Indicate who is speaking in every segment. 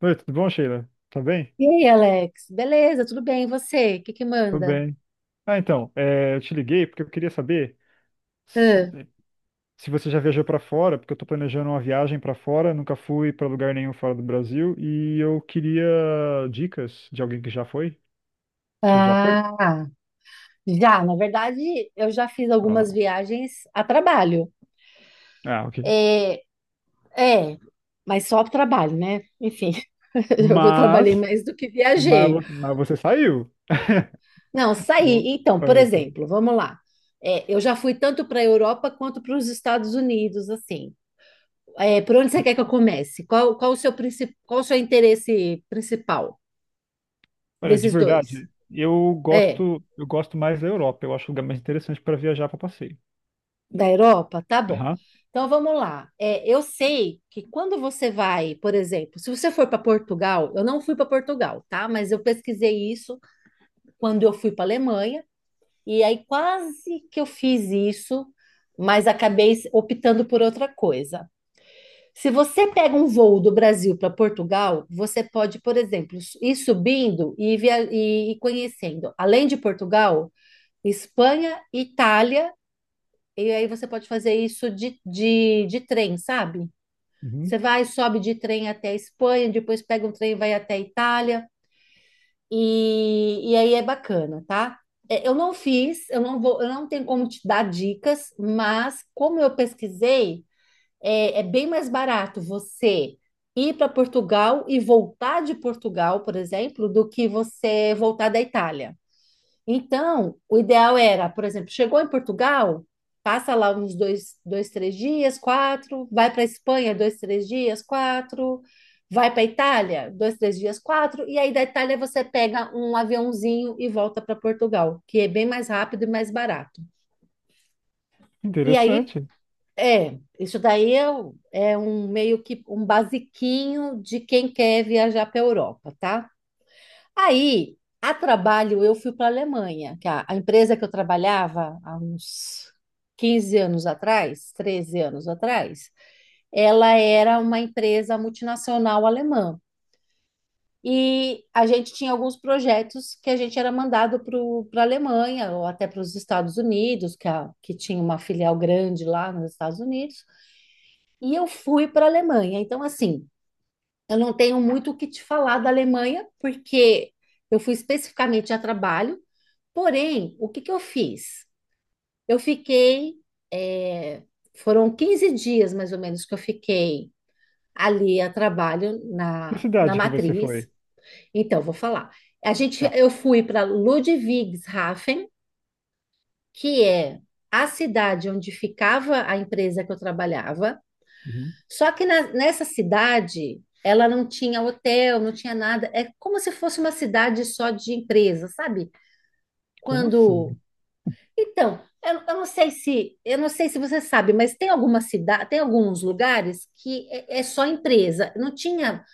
Speaker 1: Oi, tudo bom, Sheila? Tá bem?
Speaker 2: E aí, Alex? Beleza, tudo bem? E você? O que que
Speaker 1: Tô
Speaker 2: manda?
Speaker 1: bem. Eu te liguei porque eu queria saber
Speaker 2: Hã?
Speaker 1: se, se você já viajou pra fora, porque eu tô planejando uma viagem pra fora, nunca fui pra lugar nenhum fora do Brasil e eu queria dicas de alguém que já foi. Você já foi?
Speaker 2: Ah, já, na verdade, eu já fiz
Speaker 1: Ah,
Speaker 2: algumas viagens a trabalho.
Speaker 1: ah, ok.
Speaker 2: É, é, mas só para trabalho, né? Enfim, eu trabalhei
Speaker 1: Mas,
Speaker 2: mais do que
Speaker 1: mas,
Speaker 2: viajei.
Speaker 1: vo- mas você saiu.
Speaker 2: Não,
Speaker 1: Então,
Speaker 2: saí. Então,
Speaker 1: ah,
Speaker 2: por
Speaker 1: então,
Speaker 2: exemplo, vamos lá. É, eu já fui tanto para a Europa quanto para os Estados Unidos, assim. É, por onde você quer que eu
Speaker 1: Legal.
Speaker 2: comece? Qual o seu principal, qual o seu interesse principal
Speaker 1: Olha, de
Speaker 2: desses dois?
Speaker 1: verdade, eu
Speaker 2: É.
Speaker 1: gosto, eu gosto mais da Europa. Eu acho o lugar mais interessante para viajar para passeio.
Speaker 2: Da Europa? Tá bom.
Speaker 1: Aham.
Speaker 2: Então vamos lá. É, eu sei que quando você vai, por exemplo, se você for para Portugal, eu não fui para Portugal, tá? Mas eu pesquisei isso quando eu fui para Alemanha, e aí quase que eu fiz isso, mas acabei optando por outra coisa. Se você pega um voo do Brasil para Portugal, você pode, por exemplo, ir subindo e, via e conhecendo, além de Portugal, Espanha, Itália. E aí você pode fazer isso de trem, sabe?
Speaker 1: Uhum.
Speaker 2: Você vai, sobe de trem até a Espanha, depois pega um trem e vai até a Itália. E aí é bacana, tá? É, eu não fiz, eu não vou, eu não tenho como te dar dicas, mas como eu pesquisei, é bem mais barato você ir para Portugal e voltar de Portugal, por exemplo, do que você voltar da Itália. Então, o ideal era, por exemplo, chegou em Portugal, passa lá uns dois, dois três dias, quatro, vai para Espanha, dois, três dias, quatro, vai para Itália, dois, três dias, quatro, e aí da Itália você pega um aviãozinho e volta para Portugal, que é bem mais rápido e mais barato. E aí,
Speaker 1: Interessante.
Speaker 2: é, isso daí é um meio que um basiquinho de quem quer viajar para a Europa, tá? Aí, a trabalho, eu fui para a Alemanha, que a empresa que eu trabalhava há uns 15 anos atrás, 13 anos atrás, ela era uma empresa multinacional alemã. E a gente tinha alguns projetos que a gente era mandado para a Alemanha ou até para os Estados Unidos, que tinha uma filial grande lá nos Estados Unidos. E eu fui para a Alemanha. Então, assim, eu não tenho muito o que te falar da Alemanha, porque eu fui especificamente a trabalho. Porém, o que que eu fiz? Eu fiquei, é, Foram 15 dias mais ou menos que eu fiquei ali a trabalho
Speaker 1: Que
Speaker 2: na
Speaker 1: cidade que você
Speaker 2: matriz.
Speaker 1: foi?
Speaker 2: Então, vou falar.
Speaker 1: Tá.
Speaker 2: Eu fui para Ludwigshafen, que é a cidade onde ficava a empresa que eu trabalhava.
Speaker 1: Uhum.
Speaker 2: Só que nessa cidade, ela não tinha hotel, não tinha nada. É como se fosse uma cidade só de empresa, sabe?
Speaker 1: Como assim?
Speaker 2: Quando Então, eu não sei se você sabe, mas tem alguma cidade, tem alguns lugares que é só empresa. Não tinha,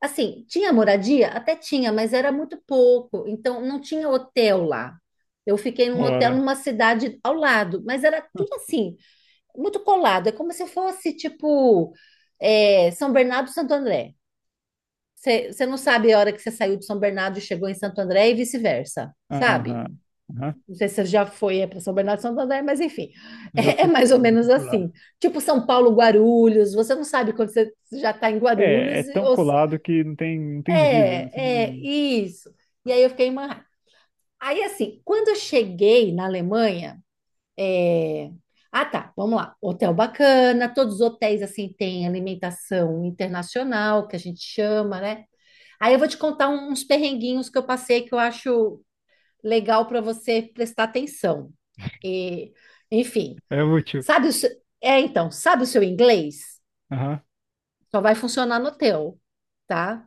Speaker 2: assim, tinha moradia? Até tinha, mas era muito pouco. Então, não tinha hotel lá. Eu fiquei num hotel
Speaker 1: Ora.
Speaker 2: numa cidade ao lado, mas era tudo assim, muito colado. É como se fosse, tipo, São Bernardo e Santo André. Você não sabe a hora que você saiu de São Bernardo e chegou em Santo André e vice-versa, sabe?
Speaker 1: Aham. Aham.
Speaker 2: Não sei se você já foi para São Bernardo do Santander, mas enfim,
Speaker 1: Já
Speaker 2: é
Speaker 1: fui,
Speaker 2: mais ou
Speaker 1: já fui
Speaker 2: menos
Speaker 1: por lá.
Speaker 2: assim. Tipo São Paulo, Guarulhos, você não sabe quando você já está em
Speaker 1: É,
Speaker 2: Guarulhos.
Speaker 1: é tão
Speaker 2: Ou, se-
Speaker 1: colado que não tem divisa.
Speaker 2: é, é,
Speaker 1: Assim,
Speaker 2: isso. E aí eu fiquei em Manhattan. Aí assim, quando eu cheguei na Alemanha, é, ah, tá, vamos lá. Hotel bacana, todos os hotéis assim têm alimentação internacional, que a gente chama, né? Aí eu vou te contar uns perrenguinhos que eu passei que eu acho legal para você prestar atenção. E, enfim,
Speaker 1: é útil.
Speaker 2: sabe o seu, sabe o seu inglês?
Speaker 1: Aham.
Speaker 2: Só vai funcionar no teu, tá?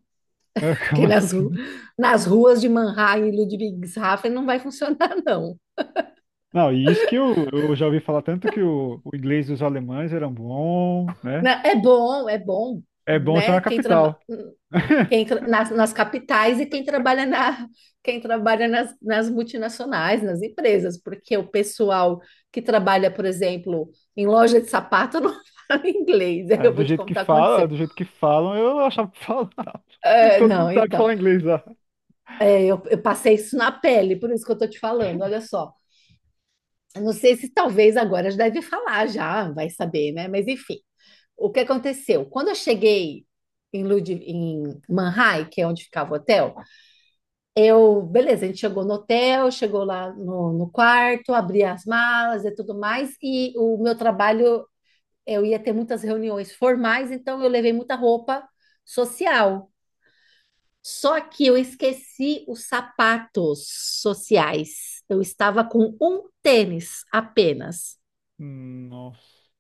Speaker 1: É,
Speaker 2: Porque
Speaker 1: como
Speaker 2: nas, ru-
Speaker 1: assim?
Speaker 2: nas ruas de Mannheim e Ludwigshafen não vai funcionar, não.
Speaker 1: Não, e isso que eu já ouvi falar tanto que o inglês dos alemães era bom, né?
Speaker 2: Né, é bom, é bom,
Speaker 1: É bom ser
Speaker 2: né?
Speaker 1: na
Speaker 2: Quem
Speaker 1: capital.
Speaker 2: Quem tra- nas, nas capitais e quem trabalha nas multinacionais, nas empresas, porque o pessoal que trabalha, por exemplo, em loja de sapato não fala inglês. Aí
Speaker 1: É,
Speaker 2: eu
Speaker 1: do
Speaker 2: vou te
Speaker 1: jeito que
Speaker 2: contar o que
Speaker 1: fala,
Speaker 2: aconteceu.
Speaker 1: do jeito que falam, eu achava que falava. Todo
Speaker 2: Não,
Speaker 1: mundo sabe
Speaker 2: então,
Speaker 1: falar inglês lá.
Speaker 2: eu passei isso na pele, por isso que eu tô te falando, olha só. Eu não sei se talvez agora já deve falar já, vai saber, né? Mas enfim, o que aconteceu? Quando eu cheguei em, Lud em Manhai, que é onde ficava o hotel. Beleza, a gente chegou no hotel, chegou lá no quarto, abri as malas e tudo mais, e o meu trabalho, eu ia ter muitas reuniões formais, então eu levei muita roupa social. Só que eu esqueci os sapatos sociais. Eu estava com um tênis apenas,
Speaker 1: Nossa.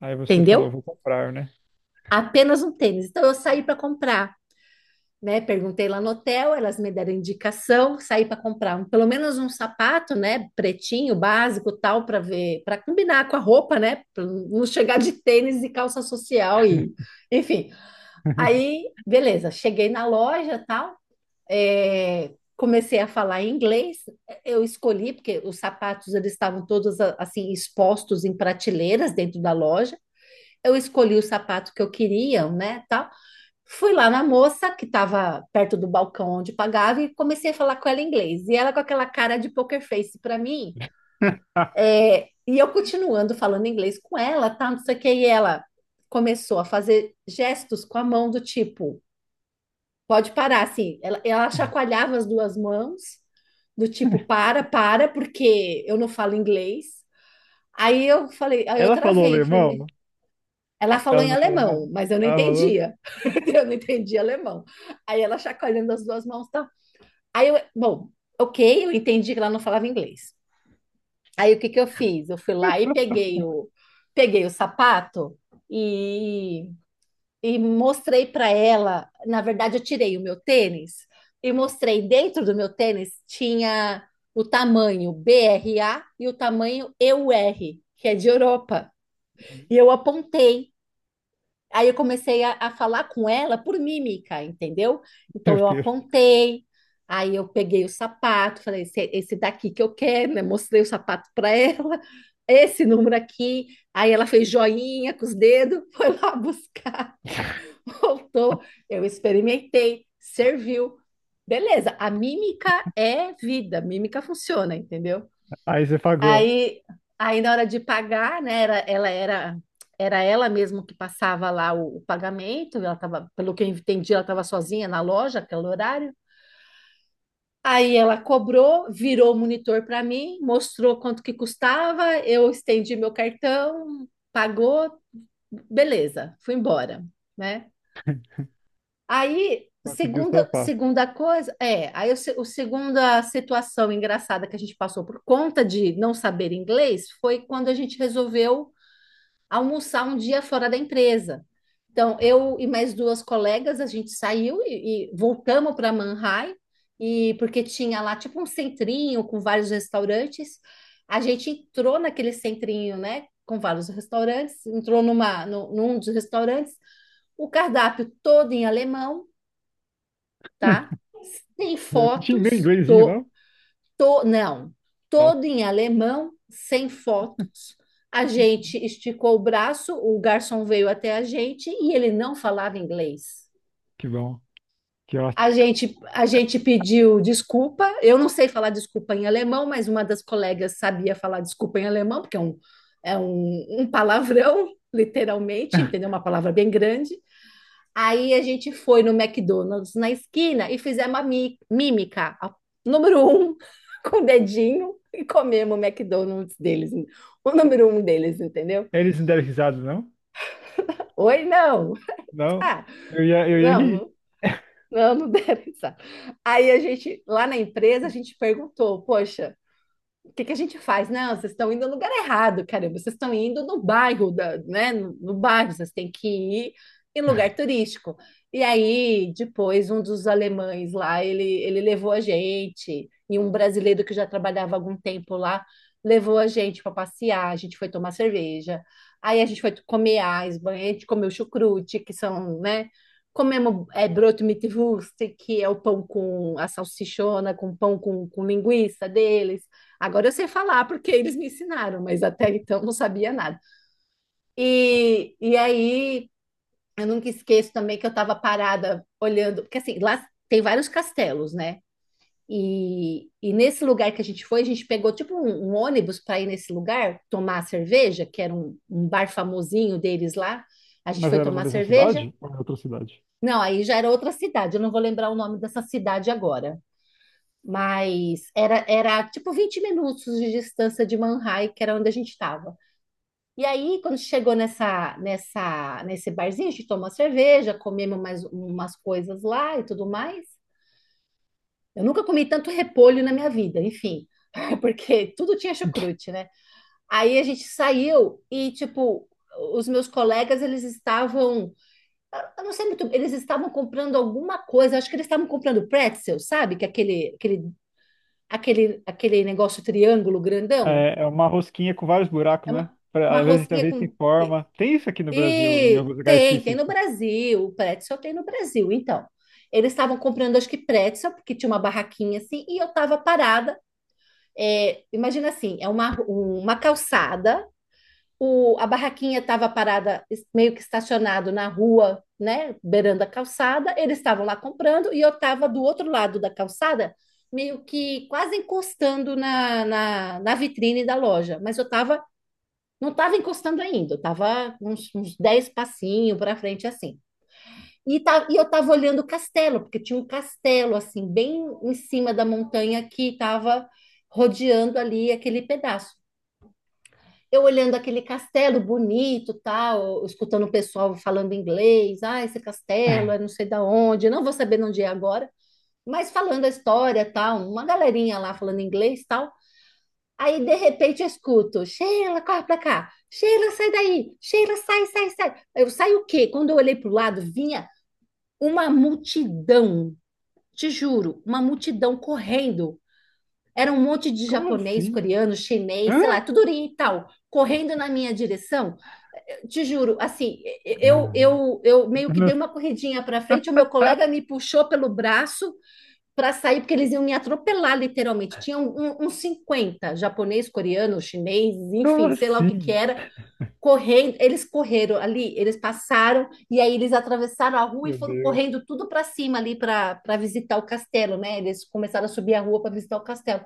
Speaker 1: Aí você falou,
Speaker 2: entendeu?
Speaker 1: vou comprar, né?
Speaker 2: Apenas um tênis. Então eu saí para comprar, né? Perguntei lá no hotel, elas me deram indicação, saí para comprar pelo menos um sapato, né? Pretinho, básico, tal, para ver, para combinar com a roupa, né? Para não chegar de tênis e calça social e, enfim. Aí, beleza, cheguei na loja, tal, comecei a falar em inglês. Eu escolhi porque os sapatos eles estavam todos assim expostos em prateleiras dentro da loja. Eu escolhi o sapato que eu queria, né? Tal. Fui lá na moça, que estava perto do balcão onde pagava, e comecei a falar com ela em inglês. E ela com aquela cara de poker face para mim. E eu continuando falando inglês com ela, tá? Não sei o que. E ela começou a fazer gestos com a mão do tipo, pode parar, assim. Ela chacoalhava as duas mãos, do tipo, para, para, porque eu não falo inglês. Aí eu falei, aí eu
Speaker 1: Ela falou
Speaker 2: travei,
Speaker 1: alemão?
Speaker 2: ela falou
Speaker 1: Ela
Speaker 2: em
Speaker 1: não falou nada?
Speaker 2: alemão, mas eu não
Speaker 1: Ela falou?
Speaker 2: entendia. Eu não entendia alemão. Aí ela chacoalhando as duas mãos, tá? Aí bom, ok, eu entendi que ela não falava inglês. Aí o que que eu fiz? Eu fui lá e peguei o sapato e, e mostrei para ela. Na verdade, eu tirei o meu tênis e mostrei dentro do meu tênis tinha o tamanho BRA e o tamanho EUR, que é de Europa. E eu apontei. Aí eu comecei a falar com ela por mímica, entendeu? Então
Speaker 1: Meu
Speaker 2: eu
Speaker 1: Deus.
Speaker 2: apontei, aí eu peguei o sapato, falei, esse daqui que eu quero, né? Mostrei o sapato para ela, esse número aqui. Aí ela fez joinha com os dedos, foi lá buscar, voltou. Eu experimentei, serviu. Beleza, a mímica é vida, mímica funciona, entendeu?
Speaker 1: Aí você pagou.
Speaker 2: Aí, aí, na hora de pagar, né, era ela mesma que passava lá o pagamento, ela tava, pelo que eu entendi, ela estava sozinha na loja, aquele horário. Aí ela cobrou, virou o monitor para mim, mostrou quanto que custava, eu estendi meu cartão, pagou, beleza, fui embora, né? Aí,
Speaker 1: Conseguiu sua
Speaker 2: segunda,
Speaker 1: parte.
Speaker 2: segunda coisa, é, aí o, se- o segunda situação engraçada que a gente passou por conta de não saber inglês foi quando a gente resolveu almoçar um dia fora da empresa. Então, eu e mais duas colegas, a gente saiu e voltamos para Manhai, e porque tinha lá tipo um centrinho com vários restaurantes. A gente entrou naquele centrinho, né, com vários restaurantes, entrou numa, no, num dos restaurantes, o cardápio todo em alemão, tá? Sem
Speaker 1: Eu não tinha nem
Speaker 2: fotos,
Speaker 1: inglesinho, não?
Speaker 2: não,
Speaker 1: Nossa,
Speaker 2: todo em alemão, sem fotos. A gente esticou o braço, o garçom veio até a gente e ele não falava inglês.
Speaker 1: que bom. Que ótimo.
Speaker 2: A gente pediu desculpa. Eu não sei falar desculpa em alemão, mas uma das colegas sabia falar desculpa em alemão, porque é um palavrão, literalmente, entendeu? Uma palavra bem grande. Aí a gente foi no McDonald's na esquina e fizemos a mímica, número um, com o dedinho, e comemos o McDonald's deles, o número um deles, entendeu?
Speaker 1: Eles não deram risada, não?
Speaker 2: Oi, não.
Speaker 1: Não.
Speaker 2: Ah,
Speaker 1: Eu ia
Speaker 2: não,
Speaker 1: rir.
Speaker 2: não, não, não deve estar. Aí a gente, lá na empresa, a gente perguntou, poxa, o que que a gente faz? Não, vocês estão indo no lugar errado, caramba, vocês estão indo no bairro, da, né? No bairro, vocês têm que ir em lugar turístico. E aí, depois, um dos alemães lá, ele levou a gente, e um brasileiro que já trabalhava há algum tempo lá, levou a gente para passear, a gente foi tomar cerveja, aí a gente foi comer Eisbein, a gente comeu chucrute, que são, né? Comemos broto mitwurst, que é o pão com a salsichona, com pão com linguiça deles. Agora eu sei falar porque eles me ensinaram, mas até então não sabia nada. E aí eu nunca esqueço também que eu estava parada olhando, porque assim, lá tem vários castelos, né? E nesse lugar que a gente foi, a gente pegou tipo um ônibus para ir nesse lugar tomar cerveja, que era um bar famosinho deles lá. A gente
Speaker 1: Mas
Speaker 2: foi
Speaker 1: era na
Speaker 2: tomar
Speaker 1: mesma
Speaker 2: cerveja.
Speaker 1: cidade ou em outra cidade?
Speaker 2: Não, aí já era outra cidade, eu não vou lembrar o nome dessa cidade agora. Mas era tipo 20 minutos de distância de Manhai, que era onde a gente estava. E aí, quando chegou nesse barzinho, a gente tomou uma cerveja, comemos mais umas coisas lá e tudo mais. Eu nunca comi tanto repolho na minha vida, enfim, porque tudo tinha chucrute, né? Aí a gente saiu e, tipo, os meus colegas, eles estavam, eu não sei muito, eles estavam comprando alguma coisa, acho que eles estavam comprando pretzel, sabe? Que é aquele negócio triângulo grandão,
Speaker 1: É, é uma rosquinha com vários
Speaker 2: é
Speaker 1: buracos, né?
Speaker 2: uma
Speaker 1: Pra- às vezes, às
Speaker 2: rosquinha
Speaker 1: vezes tem
Speaker 2: com.
Speaker 1: forma. Tem isso aqui no Brasil, em
Speaker 2: E
Speaker 1: alguns lugares
Speaker 2: tem, tem no
Speaker 1: específicos.
Speaker 2: Brasil, o pretzel tem no Brasil. Então, eles estavam comprando, acho que pretzel, porque tinha uma barraquinha assim, e eu estava parada. É, imagina assim, é uma calçada, a barraquinha estava parada, meio que estacionado na rua, né, beirando a calçada, eles estavam lá comprando, e eu estava do outro lado da calçada, meio que quase encostando na vitrine da loja, mas eu estava não estava encostando ainda, estava uns 10 passinhos para frente assim. E, tá, e eu estava olhando o castelo, porque tinha um castelo assim, bem em cima da montanha que estava rodeando ali aquele pedaço. Eu olhando aquele castelo bonito, tal, escutando o pessoal falando inglês, ah, esse castelo é não sei da onde, não vou saber de onde é agora, mas falando a história, tal, uma galerinha lá falando inglês, tal. Aí, de repente, eu escuto, Sheila, corre pra cá. Sheila, sai daí. Sheila, sai, sai, sai. Eu saio o quê? Quando eu olhei pro lado, vinha uma multidão, te juro, uma multidão correndo. Era um monte de
Speaker 1: Como
Speaker 2: japonês,
Speaker 1: assim?
Speaker 2: coreano, chinês, sei
Speaker 1: Hã?
Speaker 2: lá, tudo oriental, correndo na minha direção. Eu te juro, assim, eu,
Speaker 1: Ah.
Speaker 2: eu, eu meio que dei uma corridinha para frente, o meu colega me puxou pelo braço para sair, porque eles iam me atropelar, literalmente. Tinha uns uns 50 japonês, coreano, chinês,
Speaker 1: Como
Speaker 2: enfim, sei lá o que que
Speaker 1: assim?
Speaker 2: era, correndo. Eles correram ali, eles passaram, e aí eles atravessaram a rua e
Speaker 1: Meu
Speaker 2: foram
Speaker 1: Deus.
Speaker 2: correndo tudo para cima ali para visitar o castelo, né? Eles começaram a subir a rua para visitar o castelo.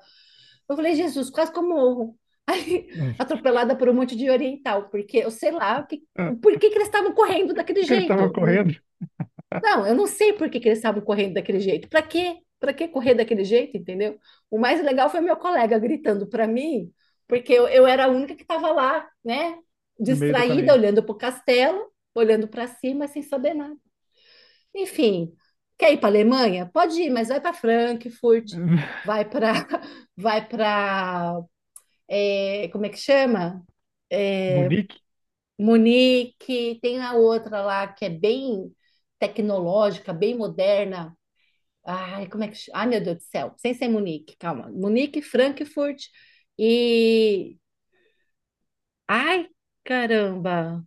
Speaker 2: Eu falei, Jesus, quase que eu morro. Aí, atropelada por um monte de oriental, porque eu sei lá o que,
Speaker 1: Ah,
Speaker 2: porquê que eles estavam correndo daquele
Speaker 1: o que ele estava
Speaker 2: jeito.
Speaker 1: correndo
Speaker 2: Não, eu não sei por que que eles estavam correndo daquele jeito. Para quê? Para que correr daquele jeito, entendeu? O mais legal foi meu colega gritando para mim, porque eu era a única que estava lá, né?
Speaker 1: no meio do
Speaker 2: Distraída,
Speaker 1: caminho?
Speaker 2: olhando para o castelo, olhando para cima, sem saber nada. Enfim, quer ir para a Alemanha? Pode ir, mas vai para Frankfurt, vai para, vai para, como é que chama?
Speaker 1: Munique?
Speaker 2: Munique, tem a outra lá que é bem tecnológica, bem moderna. Ai, como é que. Ai, meu Deus do céu. Sem ser Munique, calma. Munique, Frankfurt e. Ai, caramba.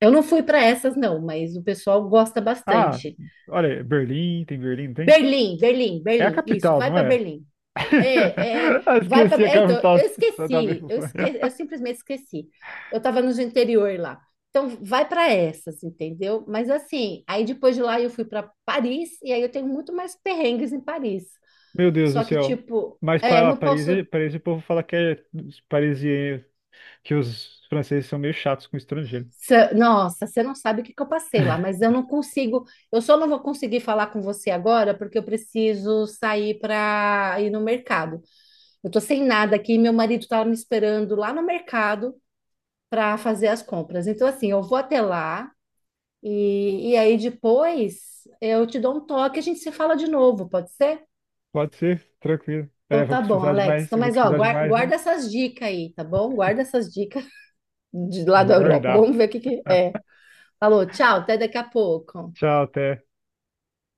Speaker 2: Eu não fui para essas, não, mas o pessoal gosta
Speaker 1: Ah,
Speaker 2: bastante.
Speaker 1: olha, Berlim, tem Berlim, não tem?
Speaker 2: Berlim, Berlim,
Speaker 1: É a
Speaker 2: Berlim. Isso,
Speaker 1: capital,
Speaker 2: vai
Speaker 1: não
Speaker 2: para
Speaker 1: é?
Speaker 2: Berlim.
Speaker 1: Ah,
Speaker 2: Vai
Speaker 1: esqueci
Speaker 2: para.
Speaker 1: a
Speaker 2: É, então,
Speaker 1: capital
Speaker 2: eu
Speaker 1: de- da
Speaker 2: esqueci. Eu
Speaker 1: Alemanha.
Speaker 2: esqueci, eu simplesmente esqueci. Eu estava no interior lá. Então, vai para essas, entendeu? Mas assim, aí depois de lá eu fui para Paris e aí eu tenho muito mais perrengues em Paris.
Speaker 1: Meu Deus do
Speaker 2: Só que,
Speaker 1: céu.
Speaker 2: tipo,
Speaker 1: Mas
Speaker 2: é,
Speaker 1: para
Speaker 2: não
Speaker 1: Paris,
Speaker 2: posso.
Speaker 1: Paris, o povo fala que é os parisienses, que os franceses são meio chatos com estrangeiro.
Speaker 2: Nossa, você não sabe o que que eu passei lá, mas eu não consigo. Eu só não vou conseguir falar com você agora porque eu preciso sair para ir no mercado. Eu tô sem nada aqui, meu marido tá me esperando lá no mercado para fazer as compras. Então, assim, eu vou até lá e aí depois eu te dou um toque, e a gente se fala de novo, pode ser?
Speaker 1: Pode ser, tranquilo. É,
Speaker 2: Então
Speaker 1: vou
Speaker 2: tá bom,
Speaker 1: precisar de
Speaker 2: Alex.
Speaker 1: mais,
Speaker 2: Então,
Speaker 1: vou
Speaker 2: mas ó,
Speaker 1: precisar de mais, né?
Speaker 2: guarda essas dicas aí, tá bom? Guarda essas dicas de lá da
Speaker 1: Vou
Speaker 2: Europa.
Speaker 1: guardar.
Speaker 2: Vamos ver o que que é. Falou, tchau, até daqui a pouco.
Speaker 1: Tchau, até.